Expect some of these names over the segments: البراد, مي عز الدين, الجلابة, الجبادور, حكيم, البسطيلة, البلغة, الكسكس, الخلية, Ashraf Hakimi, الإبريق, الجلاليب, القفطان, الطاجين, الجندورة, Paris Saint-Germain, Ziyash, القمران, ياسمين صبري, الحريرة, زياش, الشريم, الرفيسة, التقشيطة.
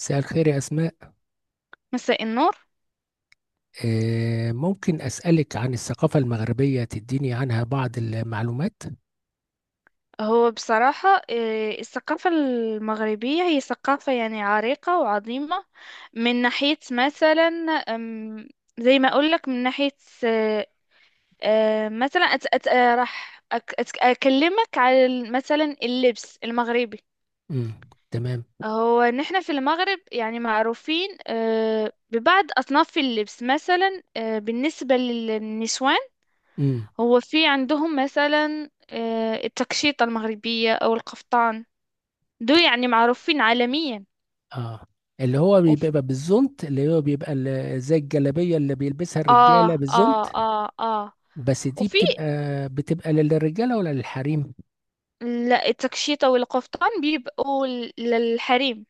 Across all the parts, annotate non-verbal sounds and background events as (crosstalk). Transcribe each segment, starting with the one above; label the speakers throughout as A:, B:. A: مساء الخير يا أسماء.
B: مساء النور.
A: ممكن أسألك عن الثقافة المغربية تديني عنها بعض المعلومات؟
B: هو بصراحة الثقافة المغربية هي ثقافة يعني عريقة وعظيمة، من ناحية مثلا. أم، زي ما أقول لك من ناحية، آه، مثلا أت أت آه، راح أك أت أكلمك على مثلا اللبس المغربي.
A: امم تمام.
B: هو نحن في المغرب يعني معروفين ببعض أصناف اللبس مثلا، بالنسبة للنسوان.
A: امم
B: هو في عندهم مثلا التقشيطة المغربية أو القفطان، دول يعني معروفين عالميا.
A: اه. اللي هو
B: وف...
A: بيبقى بالزونت اللي هو بيبقى زي الجلابية اللي بيلبسها الرجالة
B: اه، اه،
A: بالزونت.
B: اه، اه،
A: بس دي
B: وفي
A: بتبقى للرجالة ولا للحريم؟
B: التكشيطة والقفطان بيبقوا للحريم.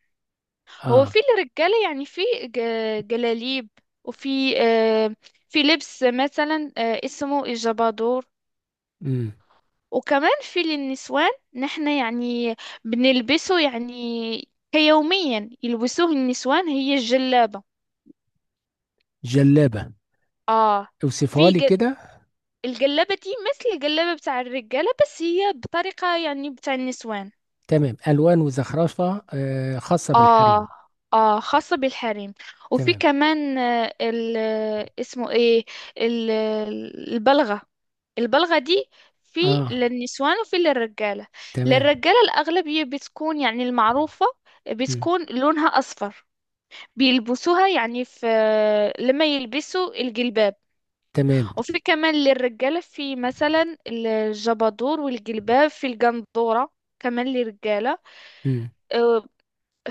B: هو
A: اه.
B: في الرجالة يعني في جلاليب، وفي آه في لبس مثلا اسمه الجبادور.
A: امم
B: وكمان في للنسوان، نحن يعني بنلبسه يعني كيوميا، يلبسوه النسوان هي الجلابة.
A: جلابة.
B: اه.
A: اوصفها
B: في
A: لي كده.
B: الجلابة دي مثل الجلابة بتاع الرجالة، بس هي بطريقة يعني بتاع النسوان.
A: تمام، ألوان وزخرفة خاصة بالحريم.
B: اه، اه، خاصة بالحريم. وفي
A: تمام.
B: كمان اسمه ايه، ال- البلغة. البلغة دي في
A: اه.
B: للنسوان وفي للرجالة.
A: تمام.
B: للرجالة الأغلبية بتكون يعني المعروفة،
A: امم
B: بتكون لونها أصفر، بيلبسوها يعني في لما يلبسوا الجلباب.
A: تمام.
B: وفي كمان للرجالة في مثلا الجبادور والجلباب في الجندورة، كمان للرجالة.
A: امم
B: آه،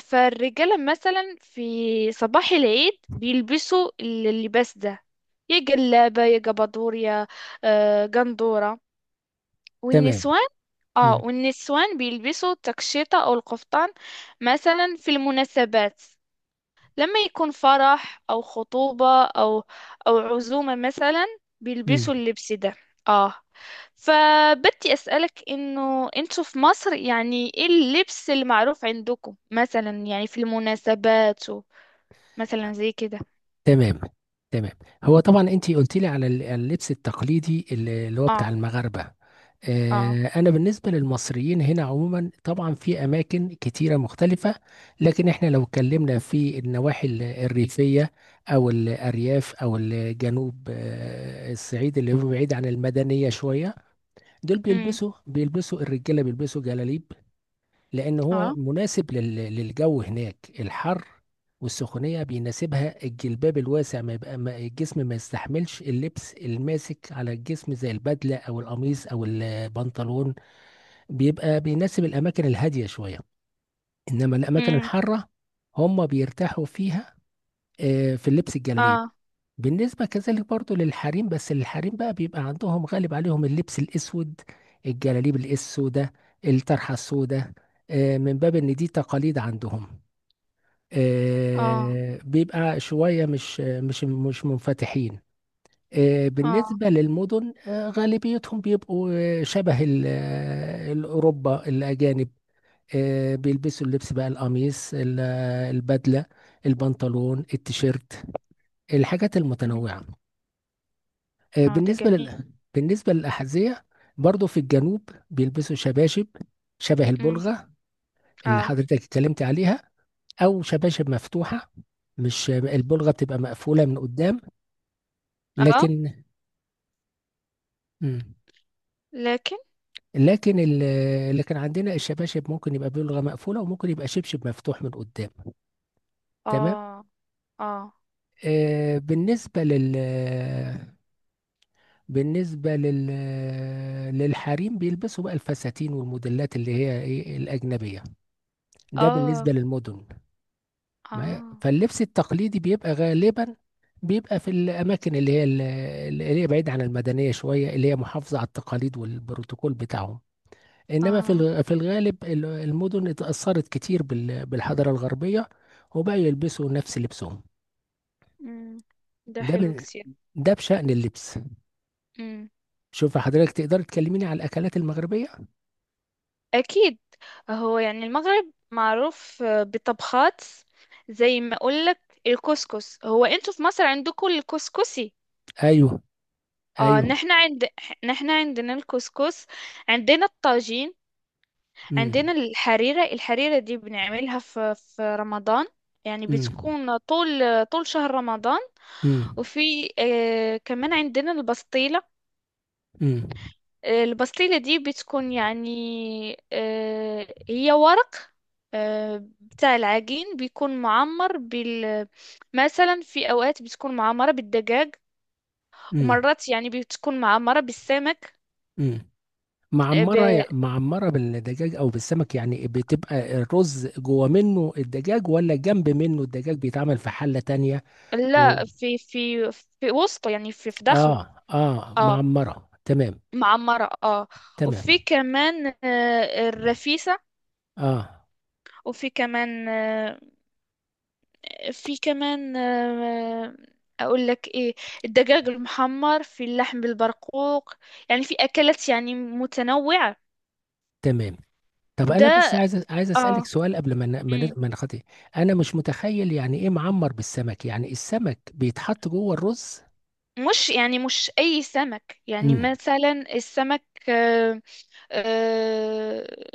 B: فالرجالة مثلا في صباح العيد بيلبسوا اللباس ده، يا جلابة يا جبادور يا جندورة
A: تمام.
B: والنسوان. اه، والنسوان بيلبسوا التكشيطة أو القفطان مثلا في المناسبات، لما يكون فرح أو خطوبة أو عزومة مثلا
A: امم
B: بيلبسوا اللبس ده. آه فبدي أسألك إنه أنتوا في مصر يعني إيه اللبس المعروف عندكم مثلا، يعني في المناسبات مثلا زي كده.
A: تمام. تمام. هو طبعا انت قلت لي على اللبس التقليدي اللي هو بتاع
B: آه.
A: المغاربه.
B: آه.
A: انا بالنسبه للمصريين هنا عموما طبعا في اماكن كتيره مختلفه. لكن احنا لو اتكلمنا في النواحي الريفيه، او الارياف او الجنوب، الصعيد اللي هو بعيد عن المدنيه شويه. دول
B: أمم.
A: بيلبسوا الرجاله بيلبسوا جلاليب، لأن هو
B: آه.
A: مناسب للجو هناك الحر والسخونية، بيناسبها الجلباب الواسع، ما يبقى ما الجسم ما يستحملش اللبس الماسك على الجسم زي البدلة أو القميص أو البنطلون. بيبقى بيناسب الأماكن الهادية شوية، إنما الأماكن
B: أمم.
A: الحارة هم بيرتاحوا فيها في اللبس الجلاليب.
B: آه.
A: بالنسبة كذلك برضو للحريم، بس الحريم بقى بيبقى عندهم غالب عليهم اللبس الأسود، الجلاليب السوداء، الطرحة السوداء، من باب إن دي تقاليد عندهم.
B: آه.
A: بيبقى شوية مش منفتحين.
B: آه.
A: بالنسبة للمدن، غالبيتهم بيبقوا شبه الأوروبا الأجانب. بيلبسوا اللبس بقى القميص البدلة، البنطلون، التيشيرت، الحاجات
B: أمم.
A: المتنوعة. آه،
B: آه، ده
A: بالنسبة
B: جميل.
A: لل... بالنسبة للأحذية برضو في الجنوب بيلبسوا شباشب شبه
B: أمم.
A: البلغة اللي
B: آه.
A: حضرتك اتكلمت عليها، أو شباشب مفتوحة. مش البلغة بتبقى مقفولة من قدام.
B: آه.
A: لكن مم.
B: لكن.
A: لكن لكن عندنا الشباشب ممكن يبقى بلغة مقفولة وممكن يبقى شبشب مفتوح من قدام. تمام.
B: آه. آه.
A: آه، بالنسبة للحريم بيلبسوا بقى الفساتين والموديلات اللي هي ايه الأجنبية، ده
B: آه.
A: بالنسبة للمدن. ما هي-
B: آه.
A: فاللبس التقليدي بيبقى غالبا، بيبقى في الأماكن اللي هي بعيدة عن المدنية شوية، اللي هي محافظة على التقاليد والبروتوكول بتاعهم. إنما
B: آه.
A: في الغالب المدن اتأثرت كتير بالحضارة الغربية وبقوا يلبسوا نفس لبسهم.
B: أمم. ده
A: ده
B: حلو
A: من
B: كتير.
A: ده بشأن اللبس.
B: مم.
A: شوف حضرتك تقدر تكلميني على الأكلات المغربية.
B: أكيد. هو يعني المغرب معروف بطبخات، زي ما أقولك الكسكس. هو أنتوا في مصر عندكم الكسكسي؟
A: أيوه.
B: اه
A: أيوه.
B: نحن عند نحن عندنا الكسكس، عندنا الطاجين،
A: امم
B: عندنا الحريرة. الحريرة دي بنعملها في رمضان، يعني
A: امم
B: بتكون طول شهر رمضان.
A: امم
B: وفي كمان عندنا البسطيلة. البسطيلة دي بتكون يعني هي ورق، بتاع العجين بيكون معمر بال، مثلا في أوقات بتكون معمرة بالدجاج،
A: امم
B: ومرات يعني بتكون معمرة بالسمك.
A: امم
B: آه، ب...
A: معمرة بالدجاج أو بالسمك، يعني بتبقى الرز جوه منه الدجاج ولا جنب منه الدجاج بيتعمل في حلة تانية؟ و...
B: لا، في في وسطه، يعني في داخله.
A: آه آه،
B: اه،
A: معمرة، تمام.
B: معمرة اه. وفي
A: تمام.
B: كمان الرفيسة.
A: آه.
B: وفي كمان آه، في كمان آه، اقول لك ايه، الدجاج المحمر في اللحم بالبرقوق، يعني في اكلات يعني متنوعة.
A: تمام. طب أنا
B: ده.
A: بس عايز أسألك
B: اه.
A: سؤال قبل
B: مم.
A: ما نخطي. أنا مش متخيل يعني إيه معمر بالسمك، يعني السمك بيتحط جوه الرز؟
B: مش يعني مش اي سمك، يعني
A: امم
B: مثلا السمك آه. آه.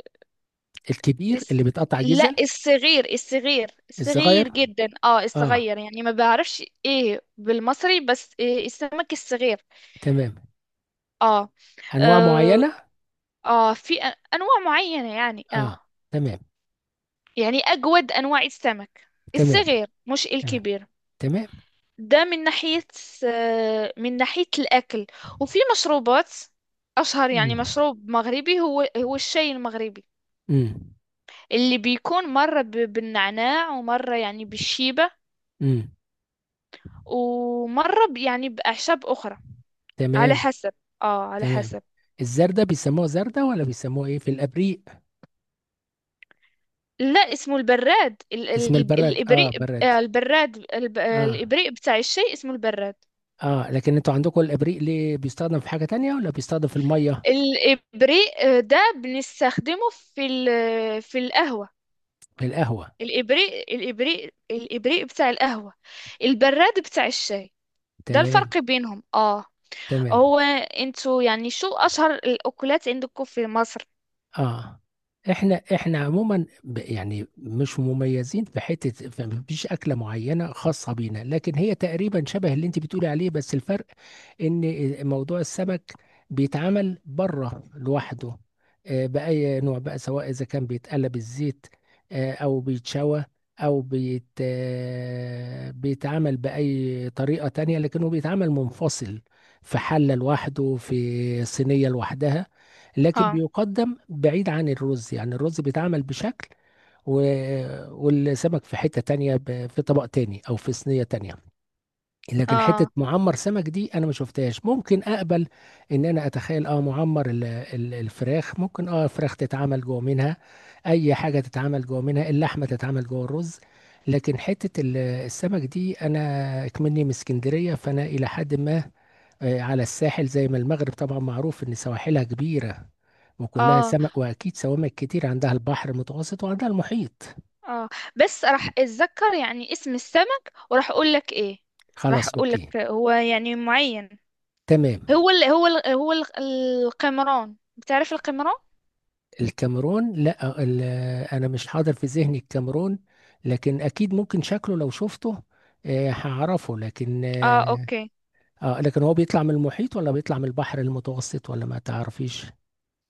A: الكبير اللي
B: الس-
A: بيتقطع
B: لا،
A: جزل؟
B: الصغير
A: الصغير.
B: جدا اه.
A: آه.
B: الصغير، يعني ما بعرفش ايه بالمصري، بس إيه السمك الصغير.
A: تمام.
B: اه.
A: أنواع
B: اه،
A: معينة.
B: في انواع معينة يعني اه.
A: آه. تمام.
B: يعني أجود أنواع السمك
A: تمام.
B: الصغير مش
A: تمام.
B: الكبير.
A: تمام.
B: ده من ناحية. من ناحية الأكل. وفي مشروبات. أشهر يعني
A: مم.
B: مشروب مغربي هو الشاي المغربي،
A: مم.
B: اللي بيكون مرة بالنعناع، ومرة يعني بالشيبة،
A: مم.
B: ومرة يعني بأعشاب أخرى على
A: تمام.
B: حسب، على
A: تمام.
B: حسب.
A: الزردة بيسموها زردة ولا بيسموها ايه في الابريق؟
B: لا، اسمه البراد،
A: اسم البرد،
B: الإبريق.
A: اه، برد.
B: البراد،
A: اه.
B: الإبريق بتاع الشاي اسمه البراد.
A: اه، لكن انتوا عندكم الابريق ليه بيستخدم في حاجة تانية ولا بيستخدم في المية؟
B: الإبريق ده بنستخدمه في في القهوة.
A: في القهوة.
B: الإبريق بتاع القهوة، البراد بتاع الشاي. ده
A: تمام.
B: الفرق بينهم اه.
A: تمام.
B: هو انتوا يعني شو أشهر الأكلات عندكم في مصر؟
A: اه. احنا عموما يعني مش مميزين مفيش اكله معينه خاصه بينا، لكن هي تقريبا شبه اللي انت بتقولي عليه. بس الفرق ان موضوع السمك بيتعمل بره لوحده، باي نوع بقى، سواء اذا كان بيتقلب الزيت، او بيتشوى، او بيتعمل باي طريقه تانية، لكنه بيتعمل منفصل في حله لوحده، في صينيه لوحدها. لكن
B: اه،
A: بيقدم بعيد عن الرز، يعني الرز بيتعمل بشكل و... والسمك في حتة تانية، في طبق تاني او في صينية تانية. لكن حتة
B: اه،
A: معمر سمك دي انا ما شفتهاش. ممكن اقبل ان انا اتخيل اه، معمر الفراخ ممكن، اه، فراخ تتعمل جوه منها، اي حاجة تتعمل جوه منها، اللحمة تتعمل جوه الرز. لكن حتة السمك دي انا اكمني من اسكندرية، فانا الى حد ما على الساحل، زي ما المغرب طبعا معروف ان سواحلها كبيرة وكلها
B: اه،
A: سمك، واكيد سوامك كتير عندها، البحر المتوسط وعندها المحيط.
B: اه، بس راح اتذكر يعني اسم السمك وراح اقول لك ايه، راح
A: خلاص،
B: اقول
A: اوكي.
B: لك هو يعني معين.
A: تمام.
B: هو القمران، بتعرف القمران؟
A: الكاميرون؟ لا، انا مش حاضر في ذهني الكاميرون، لكن اكيد ممكن شكله لو شفته هعرفه. لكن
B: اه.
A: اه،
B: اوكي.
A: لكن هو بيطلع من المحيط ولا بيطلع من البحر المتوسط ولا ما تعرفيش؟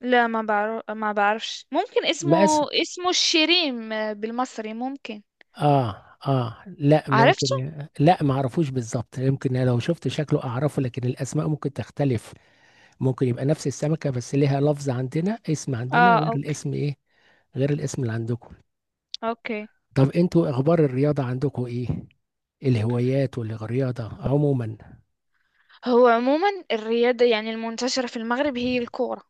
B: لا، ما بعرفش، ممكن اسمه،
A: مقاس.
B: اسمه الشريم بالمصري ممكن.
A: اه. اه، لا،
B: عرفته.
A: ممكن. لا، ما اعرفوش بالظبط، يمكن لو شفت شكله اعرفه، لكن الاسماء ممكن تختلف، ممكن يبقى نفس السمكة بس ليها لفظ عندنا، اسم عندنا
B: اه.
A: غير
B: اوكي.
A: الاسم ايه، غير الاسم اللي عندكم.
B: اوكي.
A: طب انتوا اخبار الرياضة عندكم ايه، الهوايات والرياضة عموما؟
B: هو عموما الرياضة يعني المنتشرة في المغرب هي الكورة.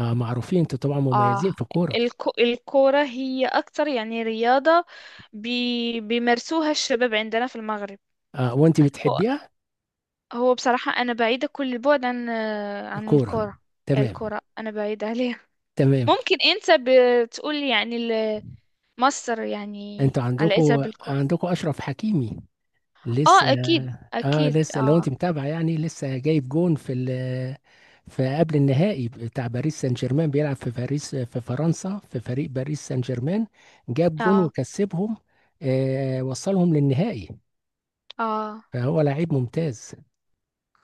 A: آه، معروفين انتوا طبعا
B: اه،
A: مميزين في الكورة.
B: الكورة هي أكتر يعني رياضة بيمارسوها الشباب عندنا في المغرب.
A: آه، وانت
B: هو
A: بتحبيها
B: هو بصراحة أنا بعيدة كل البعد عن عن
A: الكورة؟
B: الكورة.
A: تمام.
B: الكورة أنا بعيدة عليها.
A: تمام.
B: ممكن أنت بتقول يعني مصر يعني
A: انتوا
B: علاقتها
A: عندكم
B: بالكورة.
A: عندكم اشرف حكيمي لسه.
B: اه، اكيد،
A: اه،
B: اكيد،
A: لسه لو
B: اه.
A: انت متابع يعني، لسه جايب جون في في قبل النهائي بتاع باريس سان جيرمان، بيلعب في باريس في فرنسا في فريق باريس سان جيرمان، جاب جون
B: اه.
A: وكسبهم، آه، وصلهم للنهائي.
B: اه.
A: فهو لعيب ممتاز.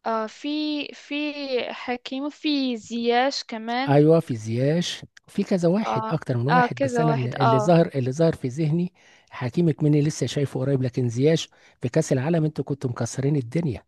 B: آه. في حكيم، وفي زياش كمان.
A: ايوه في زياش، في كذا واحد
B: اه،
A: اكتر من
B: اه،
A: واحد، بس
B: كذا
A: انا
B: واحد
A: اللي اللي
B: اه.
A: ظهر اللي ظهر في ذهني حكيم، مني لسه شايفه قريب، لكن زياش في كاس العالم انتوا كنتوا مكسرين الدنيا،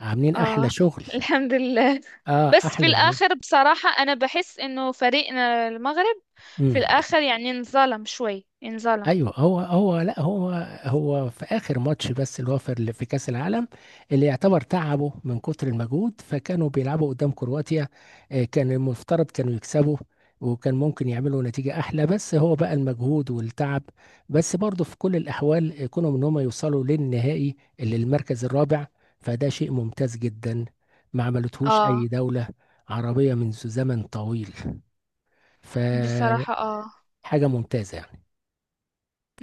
A: عاملين احلى
B: اه
A: شغل.
B: (laughs) الحمد لله.
A: اه،
B: بس في
A: احلى
B: الاخر بصراحة انا بحس انه فريقنا المغرب في
A: شغل.
B: الاخر يعني انظلم شوي انظلم.
A: ايوه، هو هو لا هو هو في اخر ماتش بس اللي هو في، اللي في كاس العالم، اللي يعتبر تعبوا من كتر المجهود، فكانوا بيلعبوا قدام كرواتيا، كان المفترض كانوا يكسبوا وكان ممكن يعملوا نتيجة أحلى، بس هو بقى المجهود والتعب. بس برضه في كل الأحوال كونوا إن هم يوصلوا للنهائي، اللي المركز الرابع، فده شيء ممتاز جدا، ما عملتهوش
B: اه
A: أي دولة عربية منذ زمن طويل،
B: بصراحة
A: فحاجة
B: اه،
A: ممتازة يعني.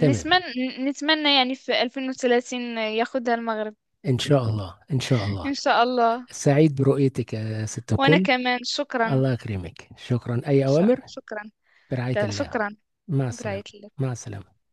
A: تمام.
B: نتمنى يعني في 2030 ياخدها المغرب.
A: إن شاء الله.
B: ان شاء الله.
A: سعيد برؤيتك يا ست
B: وانا
A: الكل.
B: كمان شكرا.
A: الله يكرمك، شكرا، أي أوامر.
B: شكرا.
A: برعاية
B: لا
A: الله.
B: شكرا.
A: مع السلامة
B: برايت.
A: مع السلامة